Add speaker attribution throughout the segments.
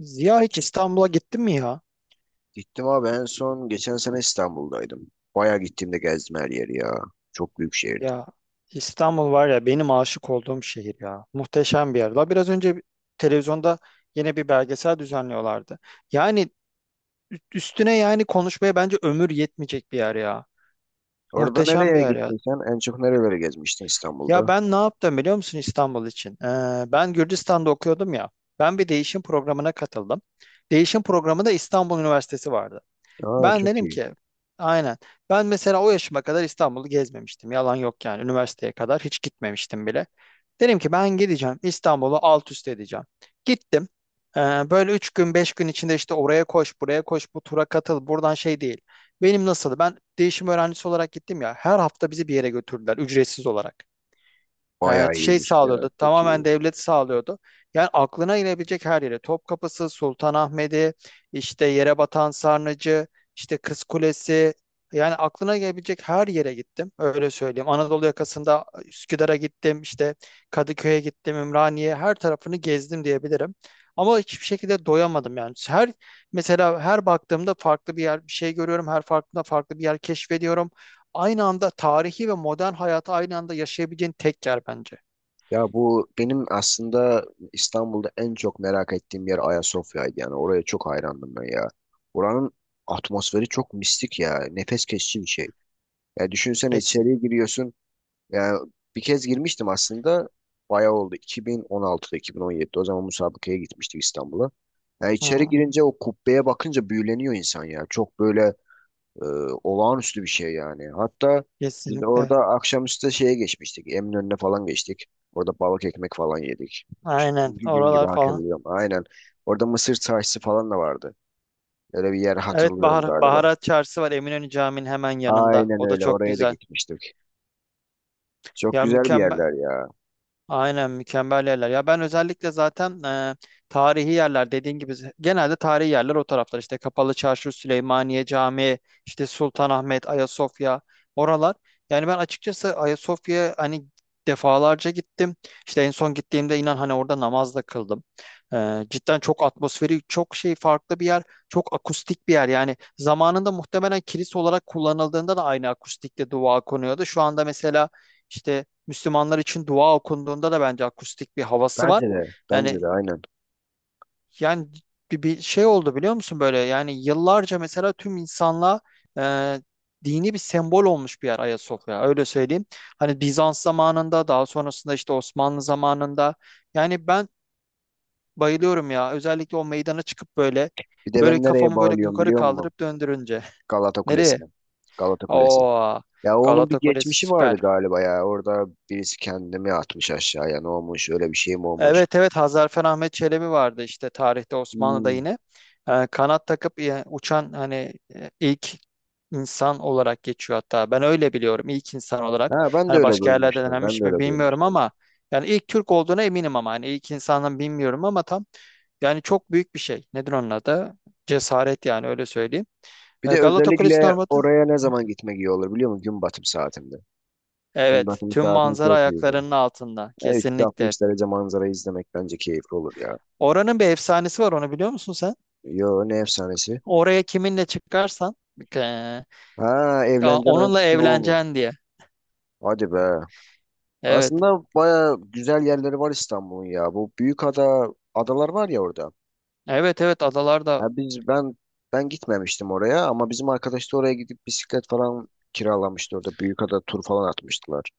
Speaker 1: Ziya hiç İstanbul'a gittin mi ya?
Speaker 2: Gittim abi, en son geçen sene İstanbul'daydım. Bayağı gittiğimde gezdim her yeri ya. Çok büyük şehirdi.
Speaker 1: Ya İstanbul var ya benim aşık olduğum şehir ya. Muhteşem bir yer. Daha biraz önce televizyonda yine bir belgesel düzenliyorlardı. Yani üstüne yani konuşmaya bence ömür yetmeyecek bir yer ya.
Speaker 2: Orada
Speaker 1: Muhteşem bir
Speaker 2: nereye
Speaker 1: yer ya.
Speaker 2: gittin sen? En çok nerelere gezmiştin
Speaker 1: Ya
Speaker 2: İstanbul'da?
Speaker 1: ben ne yaptım biliyor musun İstanbul için? Ben Gürcistan'da okuyordum ya. Ben bir değişim programına katıldım. Değişim programında İstanbul Üniversitesi vardı.
Speaker 2: Aa,
Speaker 1: Ben
Speaker 2: çok
Speaker 1: dedim
Speaker 2: iyi.
Speaker 1: ki aynen. Ben mesela o yaşıma kadar İstanbul'u gezmemiştim. Yalan yok yani. Üniversiteye kadar hiç gitmemiştim bile. Dedim ki ben gideceğim. İstanbul'u alt üst edeceğim. Gittim. Ee, Böyle üç gün beş gün içinde işte oraya koş buraya koş bu tura katıl buradan şey değil. Benim nasıl ben değişim öğrencisi olarak gittim ya her hafta bizi bir yere götürdüler ücretsiz olarak
Speaker 2: Bayağı
Speaker 1: şey
Speaker 2: iyiymiş ya.
Speaker 1: sağlıyordu.
Speaker 2: Çok
Speaker 1: Tamamen
Speaker 2: iyi.
Speaker 1: devlet sağlıyordu. Yani aklına inebilecek her yere. Topkapısı, Sultanahmet'i, işte yere batan Sarnıcı, işte Kız Kulesi. Yani aklına gelebilecek her yere gittim. Öyle söyleyeyim. Anadolu yakasında Üsküdar'a gittim, işte Kadıköy'e gittim, Ümraniye, her tarafını gezdim diyebilirim. Ama hiçbir şekilde doyamadım yani. Her mesela her baktığımda farklı bir yer, bir şey görüyorum. Her farkında farklı bir yer keşfediyorum aynı anda tarihi ve modern hayatı aynı anda yaşayabileceğin tek yer bence.
Speaker 2: Ya bu benim aslında İstanbul'da en çok merak ettiğim yer Ayasofya'ydı. Yani oraya çok hayrandım ben ya. Oranın atmosferi çok mistik ya. Nefes kesici bir şey. Ya düşünsene,
Speaker 1: Kesin.
Speaker 2: içeriye giriyorsun. Yani bir kez girmiştim aslında. Bayağı oldu. 2016'da, 2017'de. O zaman müsabakaya gitmiştik İstanbul'a. Yani içeri
Speaker 1: Hmm,
Speaker 2: girince o kubbeye bakınca büyüleniyor insan ya. Çok böyle e, olağanüstü bir şey yani. Hatta biz de orada
Speaker 1: kesinlikle.
Speaker 2: akşamüstü şeye geçmiştik, Eminönü'ne falan geçtik. Orada balık ekmek falan yedik.
Speaker 1: Aynen.
Speaker 2: Çünkü gün gibi
Speaker 1: Oralar falan.
Speaker 2: hatırlıyorum. Aynen. Orada mısır çarşısı falan da vardı. Öyle bir yer
Speaker 1: Evet
Speaker 2: hatırlıyorum
Speaker 1: Bahar,
Speaker 2: galiba.
Speaker 1: Baharat Çarşısı var Eminönü Camii'nin hemen yanında.
Speaker 2: Aynen
Speaker 1: O da
Speaker 2: öyle.
Speaker 1: çok
Speaker 2: Oraya da
Speaker 1: güzel.
Speaker 2: gitmiştik. Çok
Speaker 1: Ya
Speaker 2: güzel bir
Speaker 1: mükemmel.
Speaker 2: yerler ya.
Speaker 1: Aynen mükemmel yerler. Ya ben özellikle zaten tarihi yerler dediğin gibi genelde tarihi yerler o taraflar işte Kapalı Çarşı, Süleymaniye Camii, işte Sultanahmet, Ayasofya oralar. Yani ben açıkçası Ayasofya'ya hani defalarca gittim. İşte en son gittiğimde inan hani orada namaz da kıldım. Cidden çok atmosferi, çok şey farklı bir yer, çok akustik bir yer. Yani zamanında muhtemelen kilise olarak kullanıldığında da aynı akustikte dua konuyordu. Şu anda mesela işte Müslümanlar için dua okunduğunda da bence akustik bir havası var.
Speaker 2: Bence de. Bence
Speaker 1: Yani
Speaker 2: de aynen.
Speaker 1: yani bir şey oldu biliyor musun böyle yani yıllarca mesela tüm insanlığa e, dini bir sembol olmuş bir yer Ayasofya öyle söyleyeyim. Hani Bizans zamanında daha sonrasında işte Osmanlı zamanında yani ben bayılıyorum ya özellikle o meydana çıkıp böyle
Speaker 2: Bir de
Speaker 1: böyle
Speaker 2: ben nereye
Speaker 1: kafamı böyle
Speaker 2: bağlıyorum
Speaker 1: yukarı
Speaker 2: biliyor musun?
Speaker 1: kaldırıp döndürünce.
Speaker 2: Galata
Speaker 1: Nereye?
Speaker 2: Kulesi'ne. Galata Kulesi.
Speaker 1: Oo
Speaker 2: Ya onun bir
Speaker 1: Galata Kulesi
Speaker 2: geçmişi vardı
Speaker 1: süper.
Speaker 2: galiba ya. Orada birisi kendini atmış aşağıya. Ne olmuş? Öyle bir şey mi olmuş?
Speaker 1: Evet evet Hazarfen Ahmet Çelebi vardı işte tarihte Osmanlı'da
Speaker 2: Hmm.
Speaker 1: yine. Kanat takıp uçan hani ilk insan olarak geçiyor hatta. Ben öyle biliyorum ilk insan olarak.
Speaker 2: Ha, ben de
Speaker 1: Hani
Speaker 2: öyle
Speaker 1: başka yerlerde
Speaker 2: duymuştum. Ben
Speaker 1: denenmiş
Speaker 2: de
Speaker 1: mi
Speaker 2: öyle
Speaker 1: bilmiyorum
Speaker 2: duymuştum.
Speaker 1: ama yani ilk Türk olduğuna eminim ama hani ilk insandan bilmiyorum ama tam yani çok büyük bir şey. Nedir onun adı? Cesaret yani öyle söyleyeyim.
Speaker 2: Bir de
Speaker 1: Galata Kulesi'nin
Speaker 2: özellikle
Speaker 1: ormanı.
Speaker 2: oraya ne zaman gitmek iyi olur biliyor musun? Gün batım saatinde. Gün
Speaker 1: Evet,
Speaker 2: batımı
Speaker 1: tüm
Speaker 2: saatinde
Speaker 1: manzara
Speaker 2: çok iyiydi.
Speaker 1: ayaklarının altında
Speaker 2: Ya,
Speaker 1: kesinlikle.
Speaker 2: 360 derece manzarayı izlemek bence keyifli olur ya.
Speaker 1: Oranın bir efsanesi var onu biliyor musun sen?
Speaker 2: Yo, ne efsanesi?
Speaker 1: Oraya kiminle çıkarsan eee,
Speaker 2: Ha,
Speaker 1: ya
Speaker 2: evleneceğin
Speaker 1: onunla
Speaker 2: anki olmuş.
Speaker 1: evleneceksin diye.
Speaker 2: Hadi be.
Speaker 1: Evet.
Speaker 2: Aslında baya güzel yerleri var İstanbul'un ya. Bu büyük ada, adalar var ya orada.
Speaker 1: Evet evet
Speaker 2: Ya
Speaker 1: adalarda.
Speaker 2: biz ben ben gitmemiştim oraya ama bizim arkadaş da oraya gidip bisiklet falan kiralamıştı orada. Büyükada tur falan atmıştılar.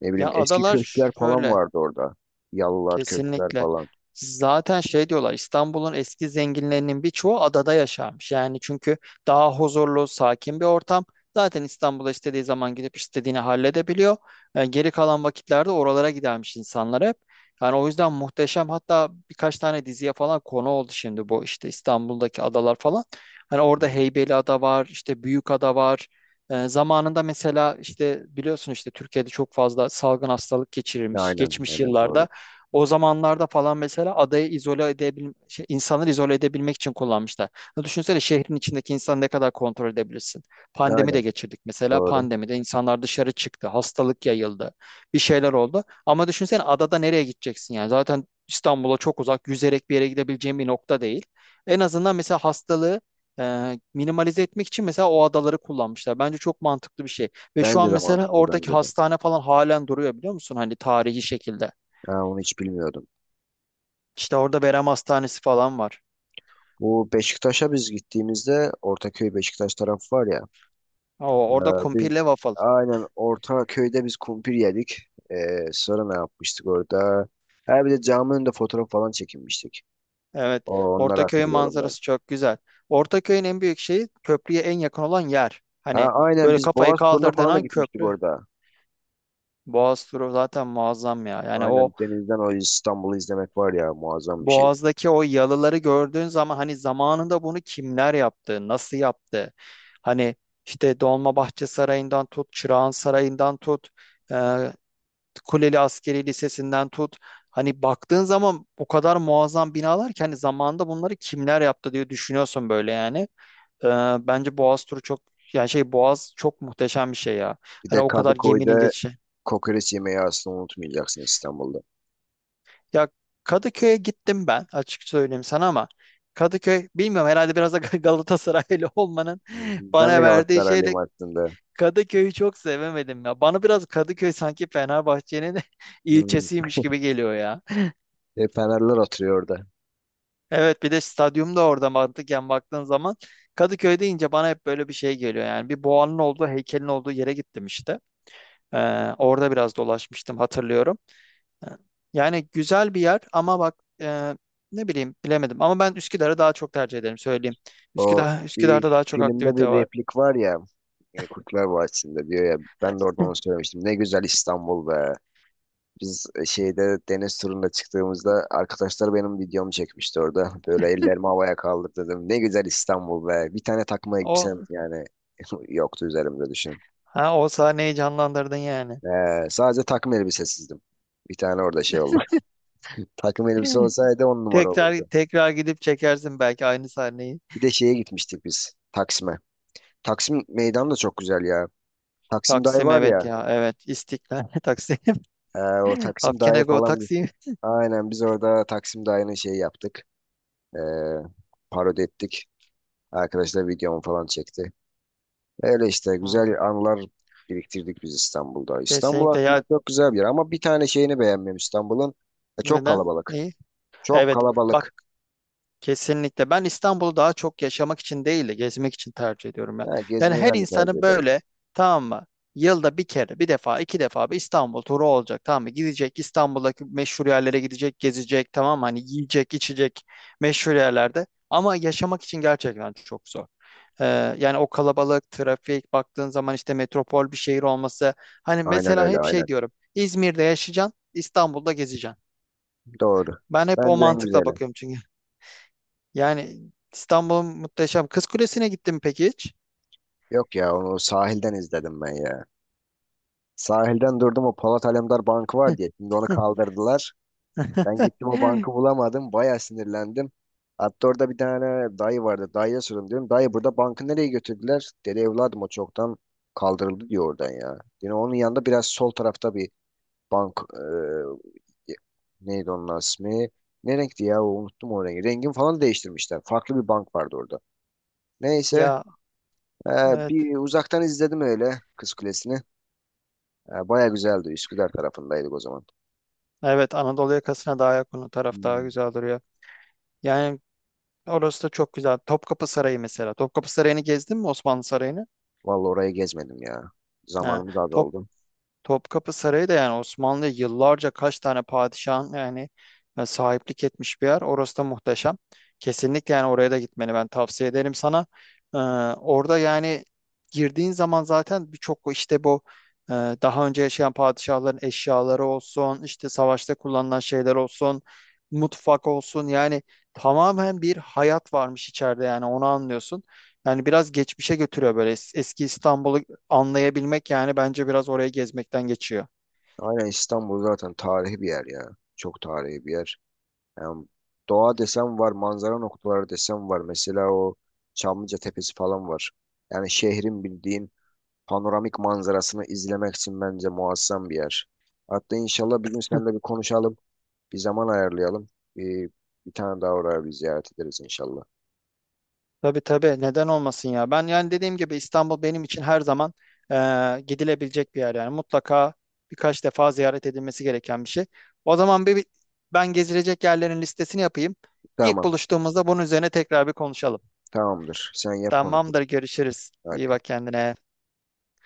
Speaker 2: Ne bileyim,
Speaker 1: Ya
Speaker 2: eski
Speaker 1: adalar
Speaker 2: köşkler falan
Speaker 1: şöyle.
Speaker 2: vardı orada. Yalılar, köşkler
Speaker 1: Kesinlikle.
Speaker 2: falan.
Speaker 1: Zaten şey diyorlar İstanbul'un eski zenginlerinin birçoğu adada yaşarmış. Yani çünkü daha huzurlu, sakin bir ortam. Zaten İstanbul'a istediği zaman gidip istediğini halledebiliyor. Yani geri kalan vakitlerde oralara gidermiş insanlar hep. Yani o yüzden muhteşem hatta birkaç tane diziye falan konu oldu şimdi bu işte İstanbul'daki adalar falan. Hani orada
Speaker 2: Hmm.
Speaker 1: Heybeliada var, işte Büyükada var. Zamanında mesela işte biliyorsun işte Türkiye'de çok fazla salgın hastalık geçirilmiş
Speaker 2: Aynen,
Speaker 1: geçmiş
Speaker 2: aynen doğru.
Speaker 1: yıllarda. O zamanlarda falan mesela adayı izole edebil şey, insanları izole edebilmek için kullanmışlar. Ya düşünsene şehrin içindeki insanı ne kadar kontrol edebilirsin. Pandemi de
Speaker 2: Aynen
Speaker 1: geçirdik mesela.
Speaker 2: doğru.
Speaker 1: Pandemide insanlar dışarı çıktı. Hastalık yayıldı. Bir şeyler oldu. Ama düşünsene adada nereye gideceksin yani? Zaten İstanbul'a çok uzak, yüzerek bir yere gidebileceğin bir nokta değil. En azından mesela hastalığı minimalize etmek için mesela o adaları kullanmışlar. Bence çok mantıklı bir şey. Ve şu
Speaker 2: Bence
Speaker 1: an
Speaker 2: de
Speaker 1: mesela
Speaker 2: mantıklı,
Speaker 1: oradaki
Speaker 2: bence de.
Speaker 1: hastane falan halen duruyor biliyor musun? Hani tarihi şekilde.
Speaker 2: Ha, onu hiç bilmiyordum.
Speaker 1: İşte orada Berem Hastanesi falan var.
Speaker 2: Bu Beşiktaş'a biz gittiğimizde Ortaköy Beşiktaş tarafı var ya.
Speaker 1: O,
Speaker 2: Ee,
Speaker 1: orada
Speaker 2: biz
Speaker 1: kumpirle waffle.
Speaker 2: aynen orta köyde biz kumpir yedik. Sonra ne yapmıştık orada? Ha bir de caminin önünde fotoğraf falan çekinmiştik.
Speaker 1: Evet.
Speaker 2: O, onları
Speaker 1: Ortaköy'ün
Speaker 2: hatırlıyorum ben.
Speaker 1: manzarası çok güzel. Ortaköy'ün en büyük şeyi köprüye en yakın olan yer.
Speaker 2: Ha
Speaker 1: Hani
Speaker 2: aynen,
Speaker 1: böyle
Speaker 2: biz
Speaker 1: kafayı
Speaker 2: Boğaz turuna
Speaker 1: kaldırdığın
Speaker 2: falan da
Speaker 1: an
Speaker 2: gitmiştik
Speaker 1: köprü.
Speaker 2: orada.
Speaker 1: Boğaz turu zaten muazzam ya. Yani o
Speaker 2: Aynen denizden o İstanbul'u izlemek var ya, muazzam bir şey.
Speaker 1: Boğaz'daki o yalıları gördüğün zaman hani zamanında bunu kimler yaptı, nasıl yaptı? Hani işte Dolmabahçe Sarayı'ndan tut, Çırağan Sarayı'ndan tut. e, Kuleli Askeri Lisesi'nden tut. Hani baktığın zaman o kadar muazzam binalar ki hani zamanında bunları kimler yaptı diye düşünüyorsun böyle yani. Ee, Bence Boğaz turu çok yani şey Boğaz çok muhteşem bir şey ya.
Speaker 2: Bir
Speaker 1: Hani
Speaker 2: de
Speaker 1: o kadar geminin
Speaker 2: Kadıköy'de
Speaker 1: geçişi.
Speaker 2: kokoreç yemeği aslında unutmayacaksın İstanbul'da.
Speaker 1: Ya Kadıköy'e gittim ben açık söyleyeyim sana ama Kadıköy bilmiyorum herhalde biraz da Galatasaraylı olmanın
Speaker 2: Hmm, ben de
Speaker 1: bana verdiği
Speaker 2: Galatasaraylıyım
Speaker 1: şeyle
Speaker 2: aslında.
Speaker 1: Kadıköy'ü çok sevemedim ya. Bana biraz Kadıköy sanki Fenerbahçe'nin
Speaker 2: Hmm.
Speaker 1: ilçesiymiş gibi geliyor ya.
Speaker 2: Hep Fenerler oturuyor orada.
Speaker 1: Evet bir de stadyum da orada mantıken baktığın zaman Kadıköy deyince bana hep böyle bir şey geliyor yani bir boğanın olduğu heykelin olduğu yere gittim işte. Orada biraz dolaşmıştım hatırlıyorum. Ee, Yani güzel bir yer ama bak e, ne bileyim bilemedim ama ben Üsküdar'ı daha çok tercih ederim söyleyeyim.
Speaker 2: O
Speaker 1: Üsküdar Üsküdar'da daha
Speaker 2: bir
Speaker 1: çok
Speaker 2: filmde
Speaker 1: aktivite
Speaker 2: bir
Speaker 1: var.
Speaker 2: replik var ya, Kurtlar Vadisi'nde diyor ya, ben de oradan onu söylemiştim. Ne güzel İstanbul be. Biz şeyde deniz turuna çıktığımızda arkadaşlar benim videomu çekmişti orada. Böyle ellerimi havaya kaldırdım. Ne güzel İstanbul be. Bir tane takma
Speaker 1: O
Speaker 2: elbisem yani yoktu üzerimde, düşün.
Speaker 1: ha, o sahneyi canlandırdın yani.
Speaker 2: Sadece takım elbisesizdim. Bir tane orada şey oldu. Takım elbise olsaydı 10 numara
Speaker 1: Tekrar
Speaker 2: olurdu.
Speaker 1: tekrar gidip çekersin belki aynı sahneyi.
Speaker 2: Bir de şeye gitmiştik biz, Taksim'e. Taksim meydan da çok güzel ya. Taksim Dağı
Speaker 1: Taksim
Speaker 2: var
Speaker 1: evet
Speaker 2: ya.
Speaker 1: ya evet İstiklal Taksim.
Speaker 2: O Taksim Dağı
Speaker 1: Afkene Go
Speaker 2: falan.
Speaker 1: Taksim.
Speaker 2: Aynen biz orada Taksim Dağı'nı şeyi yaptık. Ee, parodi ettik. Arkadaşlar videomu falan çekti. Öyle işte, güzel anılar biriktirdik biz İstanbul'da. İstanbul
Speaker 1: Kesinlikle ya,
Speaker 2: aslında çok güzel bir yer ama bir tane şeyini beğenmiyorum İstanbul'un. E, çok
Speaker 1: neden?
Speaker 2: kalabalık.
Speaker 1: Neyi?
Speaker 2: Çok
Speaker 1: Evet bak
Speaker 2: kalabalık.
Speaker 1: kesinlikle ben İstanbul'u daha çok yaşamak için değil de gezmek için tercih ediyorum ya.
Speaker 2: Ha,
Speaker 1: Yani
Speaker 2: gezmeyi
Speaker 1: her
Speaker 2: ben de tercih
Speaker 1: insanın
Speaker 2: ederim.
Speaker 1: böyle tamam mı? Yılda bir kere bir defa iki defa bir İstanbul turu olacak tamam mı? Gidecek İstanbul'daki meşhur yerlere gidecek gezecek tamam mı? Hani yiyecek içecek meşhur yerlerde ama yaşamak için gerçekten çok zor. Ee, Yani o kalabalık trafik baktığın zaman işte metropol bir şehir olması hani
Speaker 2: Aynen
Speaker 1: mesela
Speaker 2: öyle,
Speaker 1: hep
Speaker 2: aynen.
Speaker 1: şey diyorum İzmir'de yaşayacaksın İstanbul'da gezeceksin.
Speaker 2: Doğru.
Speaker 1: Ben hep o
Speaker 2: Bence en
Speaker 1: mantıkla
Speaker 2: güzeli.
Speaker 1: bakıyorum çünkü. Yani İstanbul'un muhteşem. Kız Kulesi'ne gittim peki hiç?
Speaker 2: Yok ya, onu sahilden izledim ben ya. Sahilden durdum, o Polat Alemdar Bankı var diye. Şimdi onu kaldırdılar. Ben gittim, o bankı bulamadım. Bayağı sinirlendim. Hatta orada bir tane dayı vardı. Dayıya sordum, diyorum, dayı burada bankı nereye götürdüler? Dedi, evladım o çoktan kaldırıldı, diyor oradan ya. Yine onun yanında biraz sol tarafta bir bank, neydi onun ismi? Ne renkti ya? Unuttum o rengi. Rengini falan değiştirmişler. Farklı bir bank vardı orada. Neyse,
Speaker 1: Ya
Speaker 2: e,
Speaker 1: evet.
Speaker 2: bir uzaktan izledim öyle Kız Kulesi'ni. E, baya güzeldi. Üsküdar tarafındaydık o zaman.
Speaker 1: Evet Anadolu yakasına daha yakın o taraf daha
Speaker 2: Hmm.
Speaker 1: güzel duruyor. Yani orası da çok güzel. Topkapı Sarayı mesela. Topkapı Sarayı'nı gezdin mi Osmanlı Sarayı'nı?
Speaker 2: Vallahi orayı gezmedim ya.
Speaker 1: Ha.
Speaker 2: Zamanımız az
Speaker 1: Top,
Speaker 2: oldu.
Speaker 1: Topkapı Sarayı da yani Osmanlı'ya yıllarca kaç tane padişahın yani sahiplik etmiş bir yer. Orası da muhteşem. Kesinlikle yani oraya da gitmeni ben tavsiye ederim sana. Ee, Orada yani girdiğin zaman zaten birçok işte bu daha önce yaşayan padişahların eşyaları olsun, işte savaşta kullanılan şeyler olsun, mutfak olsun yani tamamen bir hayat varmış içeride yani onu anlıyorsun. Yani biraz geçmişe götürüyor böyle eski İstanbul'u anlayabilmek yani bence biraz oraya gezmekten geçiyor.
Speaker 2: Aynen, İstanbul zaten tarihi bir yer ya. Çok tarihi bir yer. Yani doğa desem var, manzara noktaları desem var. Mesela o Çamlıca Tepesi falan var. Yani şehrin bildiğin panoramik manzarasını izlemek için bence muazzam bir yer. Hatta inşallah bir gün seninle bir konuşalım. Bir zaman ayarlayalım. Bir, bir tane daha oraya bir ziyaret ederiz inşallah.
Speaker 1: Tabii tabii neden olmasın ya. Ben yani dediğim gibi İstanbul benim için her zaman gidilebilecek bir yer yani mutlaka birkaç defa ziyaret edilmesi gereken bir şey. O zaman ben gezilecek yerlerin listesini yapayım. İlk
Speaker 2: Tamam,
Speaker 1: buluştuğumuzda bunun üzerine tekrar bir konuşalım.
Speaker 2: tamamdır. Sen yap, konuşuruz.
Speaker 1: Tamamdır görüşürüz.
Speaker 2: Hadi.
Speaker 1: İyi bak kendine.